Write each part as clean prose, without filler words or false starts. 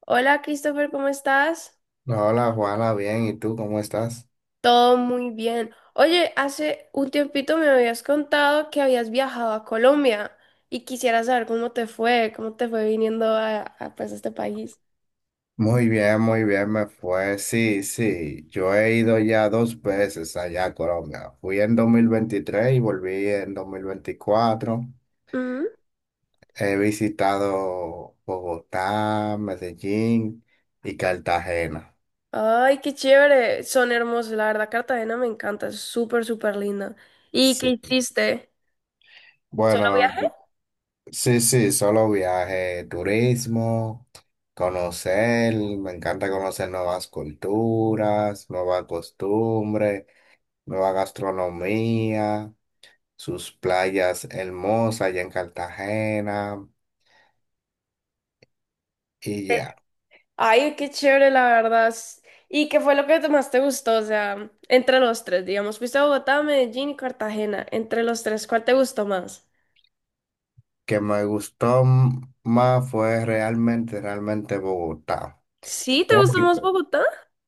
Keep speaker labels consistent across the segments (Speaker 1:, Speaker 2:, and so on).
Speaker 1: Hola Christopher, ¿cómo estás?
Speaker 2: Hola Juana, bien, ¿y tú cómo estás?
Speaker 1: Todo muy bien. Oye, hace un tiempito me habías contado que habías viajado a Colombia y quisiera saber cómo te fue viniendo pues, a este país.
Speaker 2: Muy bien, me fue. Sí, sí, yo he ido ya dos veces allá a Colombia. Fui en 2023 y volví en 2024.
Speaker 1: Ujú.
Speaker 2: He visitado Bogotá, Medellín y Cartagena.
Speaker 1: Ay, qué chévere. Son hermosos, la verdad, Cartagena me encanta, es súper, súper linda. ¿Y qué
Speaker 2: Sí.
Speaker 1: hiciste? ¿Solo
Speaker 2: Bueno, sí, sí, solo viaje, turismo, conocer, me encanta conocer nuevas culturas, nuevas costumbres, nueva gastronomía. Sus playas hermosas allá en Cartagena y
Speaker 1: viajaste?
Speaker 2: ya.
Speaker 1: Ay, qué chévere, la verdad. ¿Y qué fue lo que más te gustó? O sea, entre los tres, digamos, fuiste a Bogotá, Medellín y Cartagena. Entre los tres, ¿cuál te gustó más?
Speaker 2: Que me gustó más fue realmente, realmente Bogotá.
Speaker 1: Sí, ¿te gusta
Speaker 2: Porque-
Speaker 1: más Bogotá?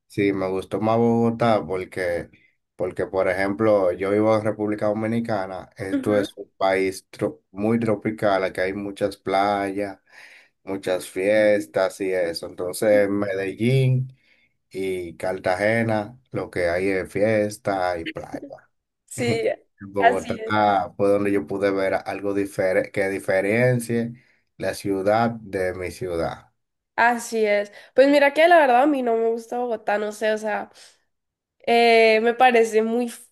Speaker 2: Sí, me gustó más Bogotá porque, porque por ejemplo, yo vivo en República Dominicana, esto
Speaker 1: Ujú.
Speaker 2: es un país muy tropical, aquí hay muchas playas, muchas fiestas y eso. Entonces, en Medellín y Cartagena, lo que hay es fiesta y playa.
Speaker 1: Sí, así es.
Speaker 2: Bogotá fue donde yo pude ver algo diferente que diferencie la ciudad de mi ciudad.
Speaker 1: Así es. Pues mira que la verdad a mí no me gusta Bogotá, no sé, o sea, me parece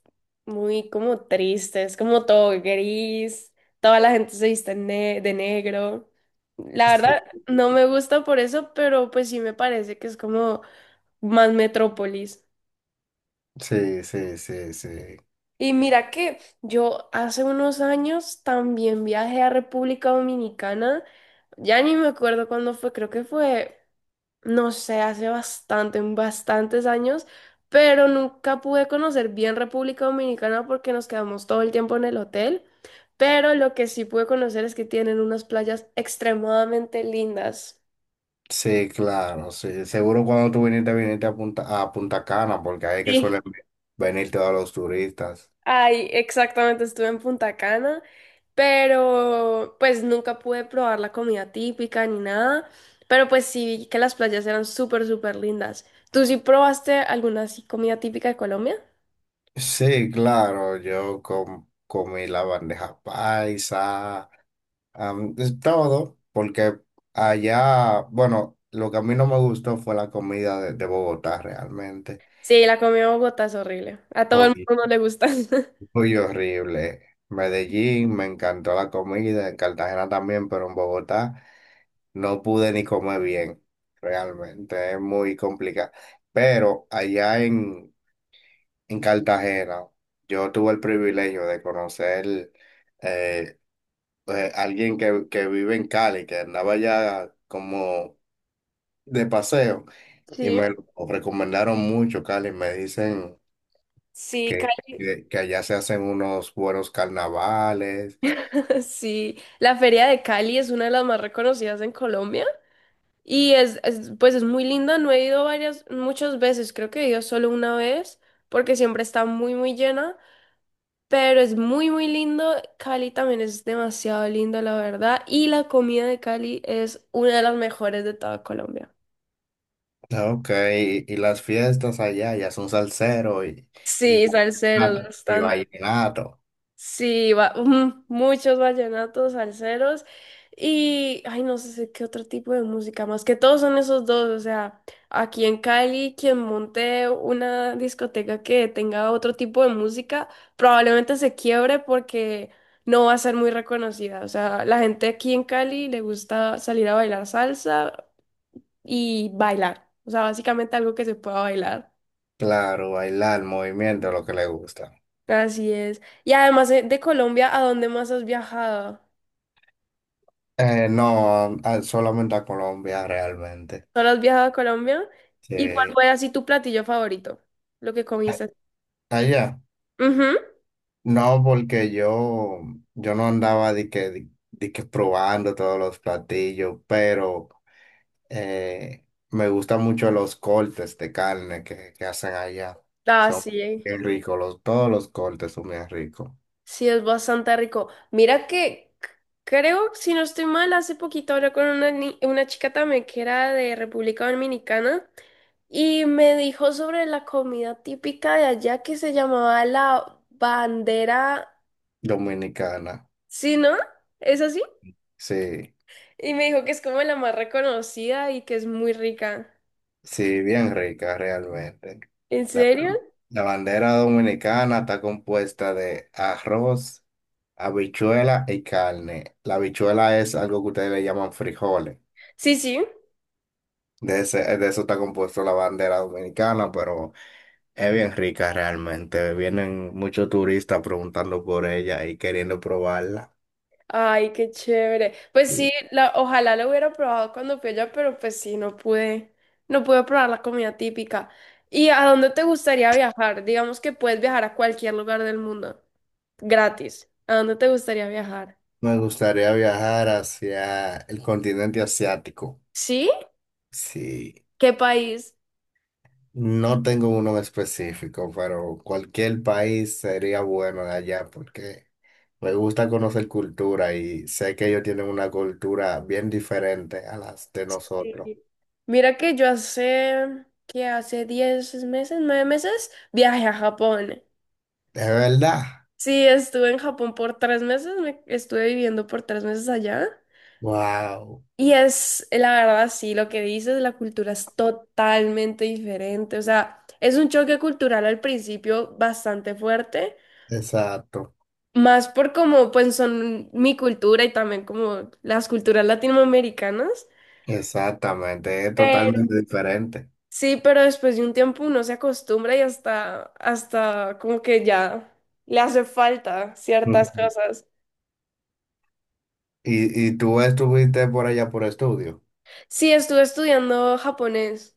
Speaker 1: muy como triste, es como todo gris, toda la gente se viste de negro. La verdad
Speaker 2: Sí,
Speaker 1: no me gusta por eso, pero pues sí me parece que es como más metrópolis.
Speaker 2: sí, sí, sí, sí.
Speaker 1: Y mira que yo hace unos años también viajé a República Dominicana. Ya ni me acuerdo cuándo fue, creo que fue, no sé, hace bastante, bastantes años, pero nunca pude conocer bien República Dominicana porque nos quedamos todo el tiempo en el hotel. Pero lo que sí pude conocer es que tienen unas playas extremadamente lindas.
Speaker 2: Sí, claro, sí. Seguro cuando tú viniste, viniste a Punta Cana, porque ahí es que
Speaker 1: Sí.
Speaker 2: suelen venir todos los turistas.
Speaker 1: Ay, exactamente, estuve en Punta Cana, pero pues nunca pude probar la comida típica ni nada, pero pues sí vi que las playas eran súper, súper lindas. ¿Tú sí probaste alguna así comida típica de Colombia?
Speaker 2: Sí, claro, yo comí la bandeja paisa, es todo, porque allá, bueno, lo que a mí no me gustó fue la comida de Bogotá realmente.
Speaker 1: Sí, la comida de Bogotá es horrible. A todo el
Speaker 2: Uy,
Speaker 1: mundo no le gusta.
Speaker 2: uy, horrible. Medellín, me encantó la comida, en Cartagena también, pero en Bogotá no pude ni comer bien. Realmente es muy complicado. Pero en Cartagena, yo tuve el privilegio de conocer eh, alguien que vive en Cali, que andaba allá como de paseo, y
Speaker 1: Sí.
Speaker 2: me lo recomendaron mucho, Cali. Me dicen
Speaker 1: Sí,
Speaker 2: que,
Speaker 1: Cali-
Speaker 2: que allá se hacen unos buenos carnavales.
Speaker 1: Sí. La feria de Cali es una de las más reconocidas en Colombia y pues es muy linda. No he ido varias, muchas veces, creo que he ido solo una vez porque siempre está muy, muy llena. Pero es muy, muy lindo. Cali también es demasiado lindo, la verdad. Y la comida de Cali es una de las mejores de toda Colombia.
Speaker 2: Ah, ok, y las fiestas allá ya son salsero y,
Speaker 1: Sí, salseros,
Speaker 2: y
Speaker 1: bastante.
Speaker 2: vallenato.
Speaker 1: Sí, ujú, muchos vallenatos, salseros y, ay, no sé qué otro tipo de música más, que todos son esos dos, o sea, aquí en Cali, quien monte una discoteca que tenga otro tipo de música, probablemente se quiebre porque no va a ser muy reconocida, o sea, la gente aquí en Cali le gusta salir a bailar salsa y bailar, o sea, básicamente algo que se pueda bailar,
Speaker 2: Claro, bailar, movimiento, lo que le gusta.
Speaker 1: así es. Y además de Colombia, ¿a dónde más has viajado?
Speaker 2: No, solamente a Colombia realmente.
Speaker 1: ¿Solo has viajado a Colombia? ¿Y cuál
Speaker 2: Sí.
Speaker 1: fue así tu platillo favorito? Lo que
Speaker 2: A-
Speaker 1: comiste.
Speaker 2: Allá.
Speaker 1: Ujú.
Speaker 2: No, porque yo no andaba de que probando todos los platillos, pero me gustan mucho los cortes de carne que hacen allá.
Speaker 1: Ah,
Speaker 2: Son
Speaker 1: sí.
Speaker 2: bien ricos, los, todos los cortes son bien ricos.
Speaker 1: Sí, es bastante rico. Mira que creo, si no estoy mal, hace poquito hablé con una, ni- una chica también que era de República Dominicana y me dijo sobre la comida típica de allá que se llamaba la bandera.
Speaker 2: Dominicana,
Speaker 1: ¿Sí, no? ¿Es así?
Speaker 2: sí,
Speaker 1: Y me dijo que es como la más reconocida y que es muy rica.
Speaker 2: sí, bien rica realmente.
Speaker 1: ¿En
Speaker 2: La,
Speaker 1: serio?
Speaker 2: la bandera dominicana está compuesta de arroz, habichuela y carne. La habichuela es algo que ustedes le llaman frijoles.
Speaker 1: Sí, sí.
Speaker 2: De eso está compuesto la bandera dominicana, pero es bien rica realmente. Vienen muchos turistas preguntando por ella y queriendo probarla.
Speaker 1: Ay, qué chévere. Pues sí, ojalá lo hubiera probado cuando fui allá, pero pues sí, no pude probar la comida típica. ¿Y a dónde te gustaría viajar? Digamos que puedes viajar a cualquier lugar del mundo, gratis. ¿A dónde te gustaría viajar?
Speaker 2: Me gustaría viajar hacia el continente asiático.
Speaker 1: ¿Sí?
Speaker 2: Sí.
Speaker 1: ¿Qué país?
Speaker 2: No tengo uno en específico, pero cualquier país sería bueno de allá porque me gusta conocer cultura y sé que ellos tienen una cultura bien diferente a las de nosotros.
Speaker 1: Sí. Mira que yo hace 10 meses, 9 meses, viajé a Japón.
Speaker 2: ¿De verdad?
Speaker 1: Sí, estuve en Japón por 3 meses, me estuve viviendo por 3 meses allá.
Speaker 2: Wow,
Speaker 1: Y es, la verdad, sí, lo que dices, la cultura es totalmente diferente. O sea, es un choque cultural al principio bastante fuerte,
Speaker 2: exacto,
Speaker 1: más por como pues son mi cultura y también como las culturas latinoamericanas.
Speaker 2: exactamente, es
Speaker 1: Pero
Speaker 2: totalmente diferente.
Speaker 1: sí, pero después de un tiempo uno se acostumbra y hasta, hasta como que ya le hace falta ciertas
Speaker 2: Ujú.
Speaker 1: cosas.
Speaker 2: Y tú estuviste por allá por estudio?
Speaker 1: Sí, estuve estudiando japonés.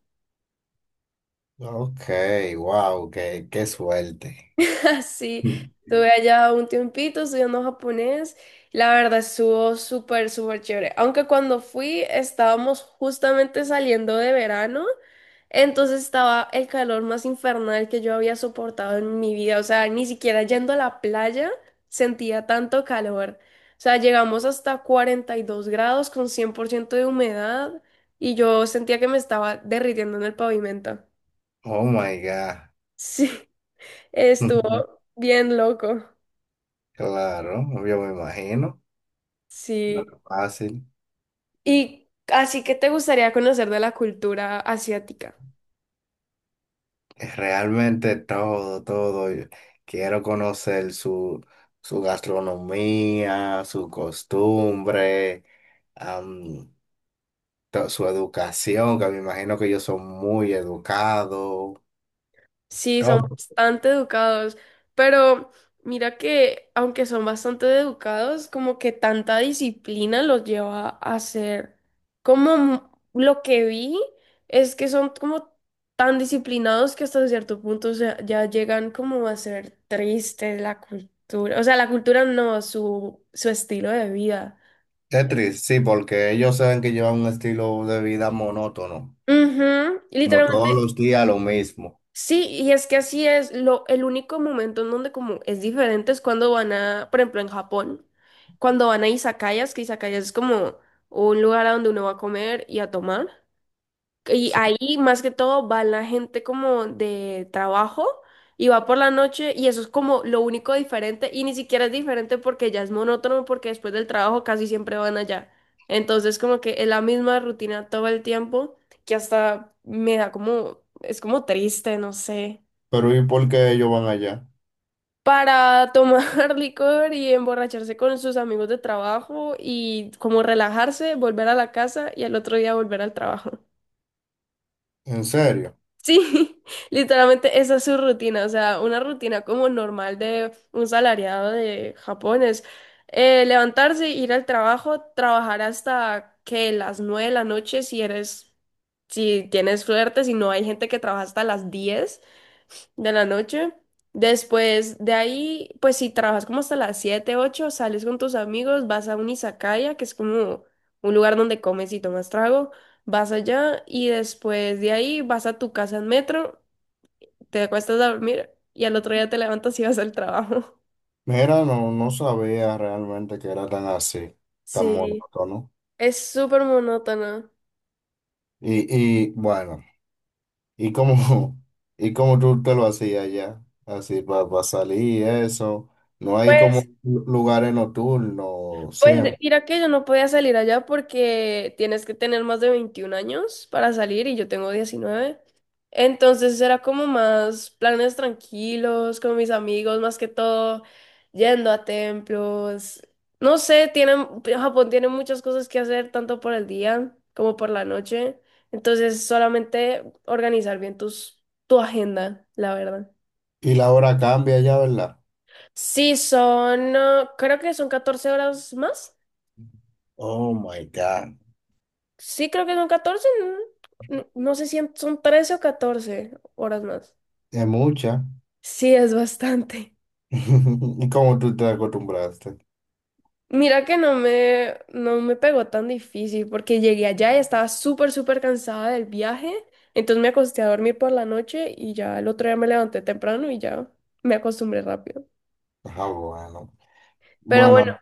Speaker 2: Ok, wow, qué, qué suerte.
Speaker 1: Sí,
Speaker 2: Mm.
Speaker 1: estuve allá un tiempito estudiando japonés. La verdad estuvo súper, súper chévere. Aunque cuando fui estábamos justamente saliendo de verano, entonces estaba el calor más infernal que yo había soportado en mi vida. O sea, ni siquiera yendo a la playa sentía tanto calor. O sea, llegamos hasta 42 grados con 100% de humedad y yo sentía que me estaba derritiendo en el pavimento.
Speaker 2: Oh my God.
Speaker 1: Sí, estuvo bien loco.
Speaker 2: Claro, yo me imagino. Lo
Speaker 1: Sí.
Speaker 2: que fácil.
Speaker 1: Y así que te gustaría conocer de la cultura asiática.
Speaker 2: Es realmente todo, todo. Yo quiero conocer su, su gastronomía, su costumbre, am, su educación, que me imagino que ellos son muy educados.
Speaker 1: Sí, son
Speaker 2: Todo.
Speaker 1: bastante educados, pero mira que aunque son bastante educados, como que tanta disciplina los lleva a ser como lo que vi es que son como tan disciplinados que hasta cierto punto ya llegan como a ser tristes la cultura. O sea, la cultura no, su estilo de vida.
Speaker 2: Es triste, sí, porque ellos saben que llevan un estilo de vida monótono,
Speaker 1: Ujú,
Speaker 2: como todos
Speaker 1: literalmente.
Speaker 2: los días lo mismo.
Speaker 1: Sí, y es que así es, lo, el único momento en donde como es diferente es cuando van a, por ejemplo, en Japón, cuando van a izakayas, que izakayas es como un lugar a donde uno va a comer y a tomar. Y ahí
Speaker 2: Sí.
Speaker 1: más que todo va la gente como de trabajo y va por la noche y eso es como lo único diferente y ni siquiera es diferente porque ya es monótono porque después del trabajo casi siempre van allá. Entonces como que es la misma rutina todo el tiempo que hasta me da como, es como triste, no sé.
Speaker 2: Pero ¿y por qué ellos van allá?
Speaker 1: Para tomar licor y emborracharse con sus amigos de trabajo y como relajarse, volver a la casa y al otro día volver al trabajo.
Speaker 2: ¿En serio?
Speaker 1: Sí, literalmente esa es su rutina, o sea, una rutina como normal de un salariado de Japón es levantarse, ir al trabajo, trabajar hasta que las 9 de la noche si eres, si tienes suerte, si no hay gente que trabaja hasta las 10 de la noche. Después de ahí, pues si trabajas como hasta las 7 8 sales con tus amigos, vas a un izakaya, que es como un lugar donde comes y tomas trago, vas allá y después de ahí vas a tu casa en metro, te acuestas a dormir y al otro día te levantas y vas al trabajo.
Speaker 2: Mira, no, no sabía realmente que era tan así, tan
Speaker 1: Sí,
Speaker 2: monótono.
Speaker 1: es súper monótono.
Speaker 2: Y bueno, ¿y cómo, y cómo tú te lo hacías ya? Así para salir, y eso. No hay como
Speaker 1: Pues
Speaker 2: lugares nocturnos
Speaker 1: Pues
Speaker 2: siempre.
Speaker 1: mira que yo no podía salir allá porque tienes que tener más de 21 años para salir y yo tengo 19. Entonces era como más planes tranquilos con mis amigos, más que todo yendo a templos. No sé, tienen, Japón tiene muchas cosas que hacer tanto por el día como por la noche. Entonces solamente organizar bien tu agenda, la verdad.
Speaker 2: Y la hora cambia ya, ¿verdad?
Speaker 1: Sí, son, creo que son 14 horas más.
Speaker 2: Oh my God.
Speaker 1: Sí, creo que son 14. ¿No? No sé si son 13 o 14 horas más.
Speaker 2: Es mucha.
Speaker 1: Sí, es bastante.
Speaker 2: ¿Y cómo tú te acostumbraste?
Speaker 1: Mira que no me pegó tan difícil porque llegué allá y estaba súper, súper cansada del viaje. Entonces me acosté a dormir por la noche y ya el otro día me levanté temprano y ya me acostumbré rápido.
Speaker 2: Ah, bueno.
Speaker 1: Pero bueno,
Speaker 2: Bueno,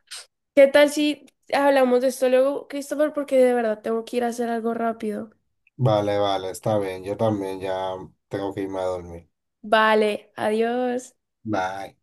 Speaker 1: ¿qué tal si hablamos de esto luego, Christopher? Porque de verdad tengo que ir a hacer algo rápido.
Speaker 2: vale, vale, está bien. Yo también ya tengo que irme a dormir.
Speaker 1: Vale, adiós.
Speaker 2: Bye.